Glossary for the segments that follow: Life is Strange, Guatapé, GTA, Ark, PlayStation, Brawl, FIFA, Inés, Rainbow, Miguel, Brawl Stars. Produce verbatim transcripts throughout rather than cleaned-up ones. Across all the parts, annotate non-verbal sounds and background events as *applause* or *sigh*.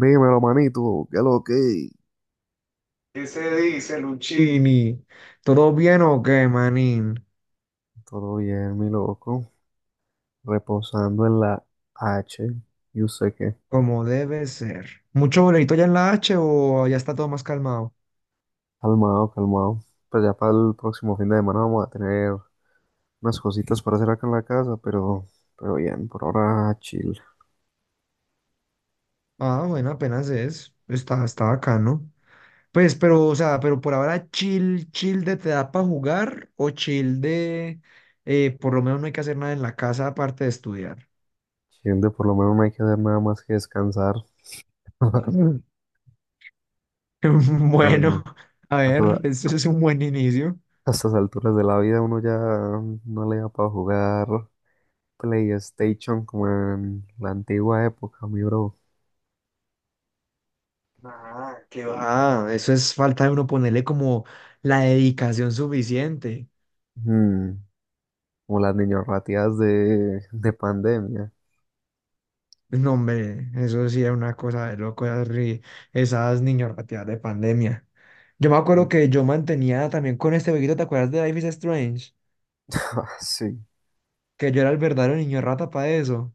Dímelo, manito, qué lo que. ¿Qué se dice, Luchini? ¿Todo bien o qué, manín? Todo bien, mi loco. Reposando en la H. Yo sé que. Como debe ser. ¿Mucho boleto ya en la H o ya está todo más calmado? Calmado, calmado. Pues ya para el próximo fin de semana vamos a tener unas cositas para hacer acá en la casa, pero, pero bien, por ahora chill. Ah, bueno, apenas es. Está, está bacano. Pues, pero, o sea, pero por ahora chill, chill de te da para jugar o chill de eh, por lo menos no hay que hacer nada en la casa aparte de estudiar. Chill de por lo menos no hay que hacer nada más que descansar. *laughs* *laughs* Ah, Bueno, no. a A, ver, toda- eso es un buen inicio. a estas alturas de la vida uno ya no le da para jugar PlayStation como en la antigua época, mi bro. Ah, qué va. Ah, eso es falta de uno ponerle como la dedicación suficiente. Hmm. Como las niños rateadas de, de pandemia. No, hombre, eso sí era una cosa de loco, esas, ri- esas niños de pandemia. Yo me acuerdo Mm. que *laughs* yo mantenía también con este jueguito, ¿te acuerdas de Life is Strange? Ah, sí, Que yo era el verdadero niño rata para eso.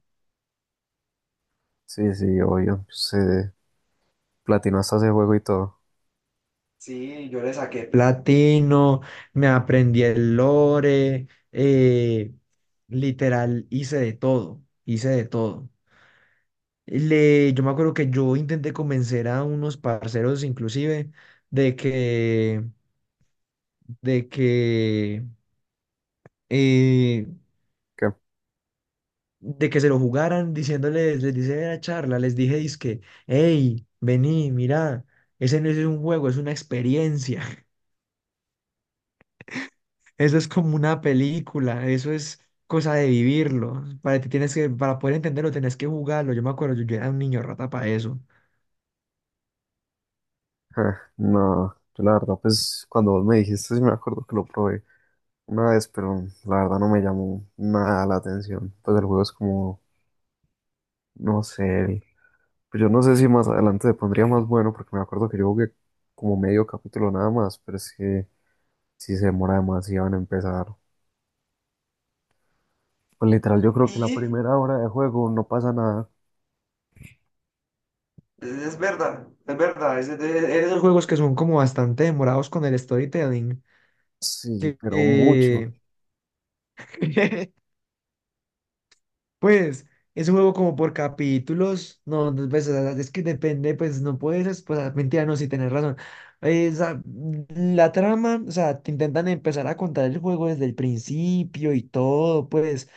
sí, sí, obvio. Se platinó hasta ese juego y todo. Sí, yo le saqué Platino, me aprendí el lore, eh, literal, hice de todo, hice de todo. Le, yo me acuerdo que yo intenté convencer a unos parceros inclusive de que, de que eh, Que, de que se lo jugaran diciéndoles, les dice en la charla, les dije, dizque, hey, vení, mirá, ese no es un juego, es una experiencia, *laughs* eso es como una película, eso es cosa de vivirlo, para ti tienes que, para poder entenderlo tenés que jugarlo, yo me acuerdo, yo, yo era un niño rata para eso. ah, no, yo la verdad, pues cuando vos me dijiste, sí me acuerdo que lo probé una vez, pero la verdad no me llamó nada la atención. Pues el juego es como, no sé, el- pues yo no sé si más adelante se pondría más bueno, porque me acuerdo que yo jugué como medio capítulo nada más, pero es que si se demora demasiado en empezar. Pues literal, yo creo que la Sí, primera hora de juego no pasa nada. es verdad, es verdad. Es, es- es- Esos juegos que son como bastante demorados con el storytelling, Sí, que, pero mucho. que *laughs* Pues es un juego como por capítulos, no, no, pues, o sea, es que depende, pues no puedes, pues ah, mentira, no, si tenés razón. Eh, o sea, la trama, o sea, te intentan empezar a contar el juego desde el principio y todo, pues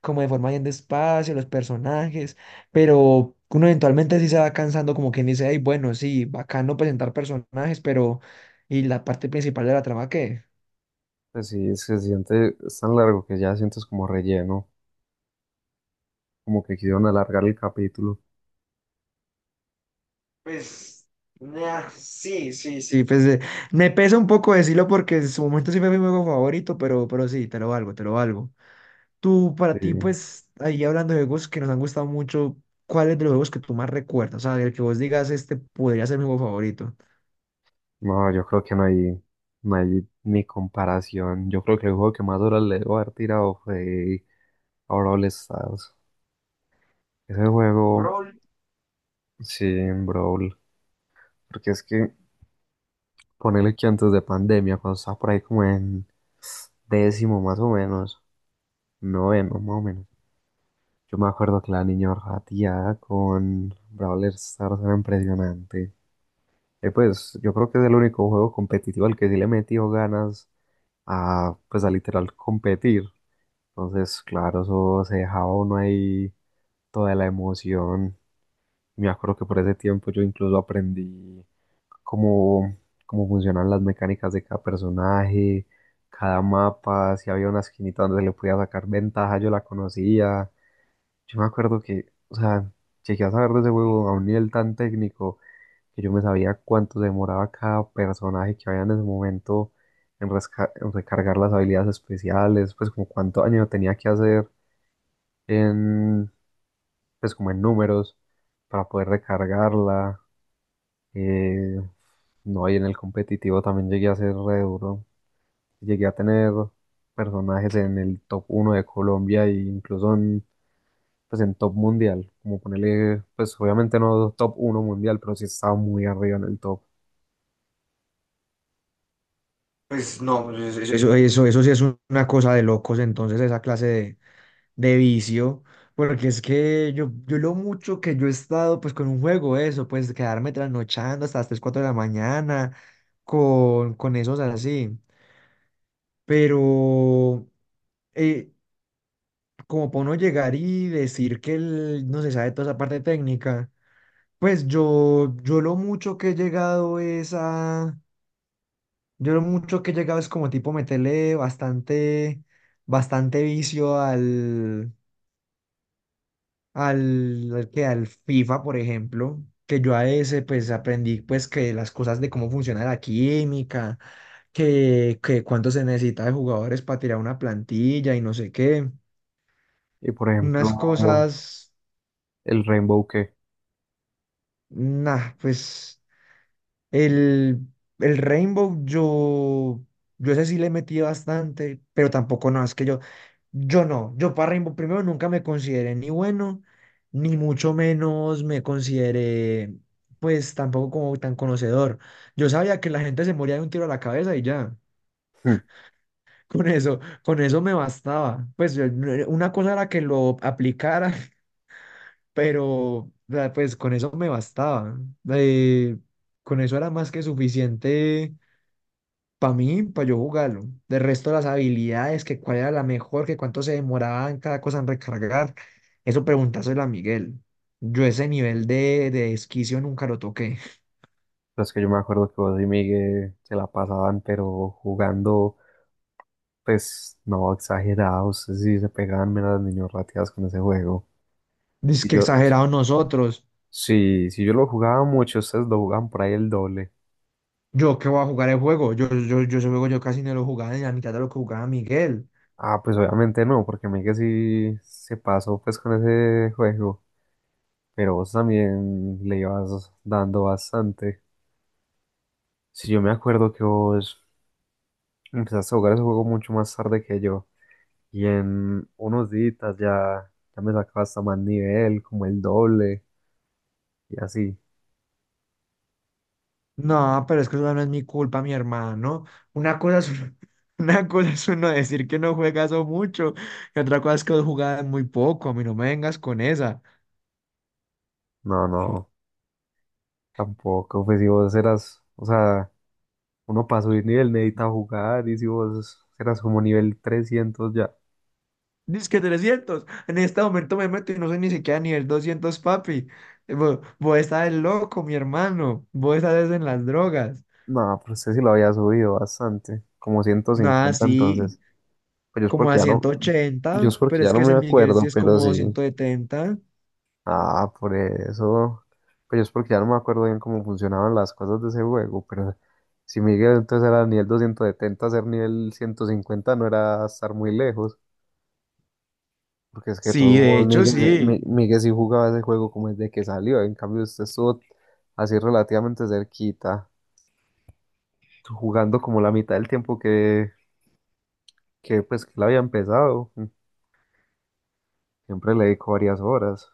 como de forma bien despacio, los personajes, pero uno eventualmente sí se va cansando, como quien dice, ay, bueno, sí, bacano presentar personajes, pero ¿y la parte principal de la trama qué? Pues sí, se siente, es tan largo que ya sientes como relleno, como que quisieron alargar el capítulo. Pues, nah, sí, sí, sí, pues eh, me pesa un poco decirlo porque en su momento sí fue mi juego favorito, pero, pero sí, te lo valgo, te lo valgo. Tú, para ti, Sí. pues, ahí hablando de juegos que nos han gustado mucho, ¿cuál es de los juegos que tú más recuerdas? O sea, el que vos digas, este podría ser mi juego favorito. No, yo creo que no hay, no hay ni comparación. Yo creo que el juego que más horas le debo haber tirado fue a Brawl Stars. Ese juego, Brawl, sí, en Brawl. Porque es que ponerle que antes de pandemia, cuando estaba por ahí como en décimo más o menos, noveno más o menos. Yo me acuerdo que la niña rateada con Brawl Stars era impresionante. Eh, pues yo creo que es el único juego competitivo al que sí le metió ganas a, pues a literal competir. Entonces, claro, eso se dejaba uno ahí toda la emoción. Me acuerdo que por ese tiempo yo incluso aprendí cómo, cómo funcionan las mecánicas de cada personaje, cada mapa, si había una esquinita donde se le podía sacar ventaja, yo la conocía. Yo me acuerdo que, o sea, llegué a saber de ese juego a un nivel tan técnico que yo me sabía cuánto se demoraba cada personaje que había en ese momento en, resca- en recargar las habilidades especiales, pues como cuánto daño tenía que hacer en, pues como en números para poder recargarla. eh, no, y en el competitivo también llegué a ser re duro. Llegué a tener personajes en el top uno de Colombia e incluso pues en top mundial, como ponerle, pues obviamente no top uno mundial, pero sí estaba muy arriba en el top. pues no, es- eso, eso, eso sí es una cosa de locos, entonces, esa clase de, de, vicio, porque es que yo, yo lo mucho que yo he estado pues con un juego, eso, pues quedarme trasnochando hasta las tres cuatro de la mañana con, con esos así, pero eh, como para uno llegar y decir que él no se sabe toda esa parte técnica, pues yo, yo lo mucho que he llegado es a, yo lo mucho que he llegado es como tipo meterle bastante, bastante vicio al al, al que al FIFA, por ejemplo, que yo a ese pues aprendí pues que las cosas de cómo funciona la química, que, que cuánto se necesita de jugadores para tirar una plantilla y no sé qué, Y por ejemplo, unas cosas, el Rainbow que, nah, pues El, el Rainbow, yo, yo ese sí le metí bastante, pero tampoco no, es que yo, yo no, yo para Rainbow primero nunca me consideré ni bueno, ni mucho menos me consideré, pues tampoco como tan conocedor. Yo sabía que la gente se moría de un tiro a la cabeza y ya, *laughs* *laughs* con eso, con eso me bastaba. Pues yo- no- una cosa era que lo aplicara, *laughs* pero o sea, pues con eso me bastaba. Eh, con eso era más que suficiente para mí, para yo jugarlo. De resto, las habilidades, que cuál era la mejor, que cuánto se demoraba en cada cosa en recargar. Eso preguntárselo a Miguel. Yo ese nivel de, de esquicio nunca lo toqué. los que yo me acuerdo que vos y Miguel se la pasaban, pero jugando, pues no exagerados, sí se pegaban menos las niños rateadas con ese juego. *laughs* Dice Si que yo, exagerado nosotros. sí, si yo lo jugaba mucho, ustedes lo jugaban por ahí el doble. Yo que voy a jugar el juego. Yo, yo, yo ese juego yo casi no lo jugaba ni la mitad de lo que jugaba Miguel. Ah, pues obviamente no, porque Miguel sí se pasó pues con ese juego. Pero vos también le ibas dando bastante. Si yo me acuerdo que vos empezaste a jugar ese juego mucho más tarde que yo. Y en unos días ya, ya me sacabas hasta más nivel, como el doble y así. No, pero es que eso no es mi culpa, mi hermano. Una cosa es, uno- *laughs* una cosa es uno decir que no juegas o mucho, y otra cosa es que jugaba muy poco. A mí no me vengas con esa. No, no, tampoco. Pues si vos eras, o sea, uno para subir nivel necesita jugar. Y si vos eras como nivel trescientos ya. Dice que trescientos. En este momento me meto y no soy ni siquiera ni el doscientos, papi. Eh, Vo- Vos estás loco, mi hermano. Vos estás en las drogas. No, pero usted sí lo había subido bastante. Como ciento Nada, cincuenta sí, entonces. Pero yo es como porque a ya no, ciento yo ochenta es porque pero ya es no que me ese Miguel sí acuerdo, es pero como sí. doscientos setenta. Ah, por eso. Pues yo es porque ya no me acuerdo bien cómo funcionaban las cosas de ese juego, pero si Miguel entonces era nivel doscientos setenta, ser nivel ciento cincuenta no era estar muy lejos, porque es que de todos Sí, de modos hecho, Miguel, se- Mi- sí. Miguel sí jugaba ese juego como desde que salió, en cambio usted estuvo así relativamente cerquita, jugando como la mitad del tiempo que, que pues que él había empezado, siempre le dedicó varias horas.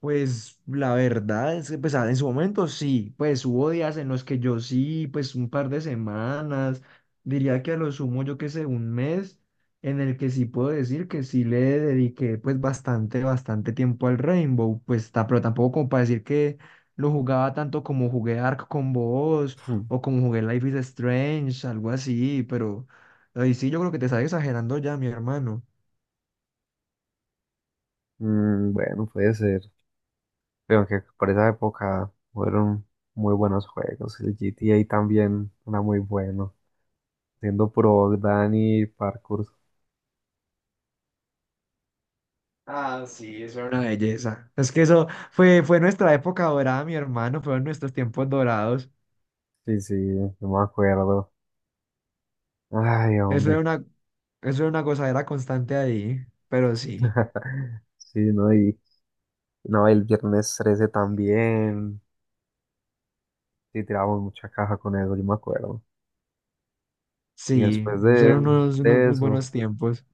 Pues la verdad es que pues, ah, en su momento sí, pues hubo días en los que yo sí, pues un par de semanas, diría que a lo sumo yo que sé, un mes, en el que sí puedo decir que sí le dediqué pues bastante, bastante tiempo al Rainbow, pues ta- pero tampoco como para decir que lo jugaba tanto como jugué Ark con vos Mm, o como jugué Life is Strange, algo así, pero ahí sí yo creo que te estás exagerando ya, mi hermano. mm, bueno, puede ser. Creo que por esa época fueron muy buenos juegos. El G T A también era muy bueno. Siendo pro y parkour. Ah, sí, eso era una belleza. Es que eso fue, fue nuestra época dorada, mi hermano, fueron nuestros tiempos dorados. Sí, sí, no me acuerdo. Ay, Eso era hombre. una, eso era una gozadera constante ahí, pero sí, *laughs* Sí, no, y no, el viernes trece también. Sí, tirábamos mucha caja con eso, yo me acuerdo. Y sí, después de, eran unos, unos de muy eso, buenos tiempos.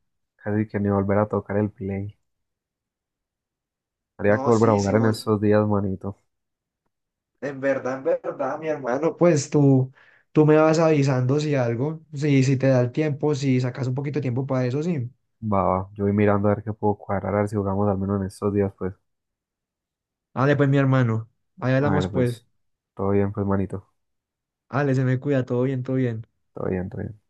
casi que ni volver a tocar el play. Habría que No, volver a sí, sí, jugar en vos, estos días, manito. en verdad, en verdad, mi hermano, pues tú, tú, me vas avisando si algo, si, si te da el tiempo, si sacas un poquito de tiempo para eso, sí. Va, va, yo voy mirando a ver qué puedo cuadrar, a ver si jugamos al menos en estos días, pues. Dale, pues, mi hermano, ahí A hablamos, ver, pues. pues. Todo bien, pues, manito. Dale, se me cuida, todo bien, todo bien. Todo bien, todo bien.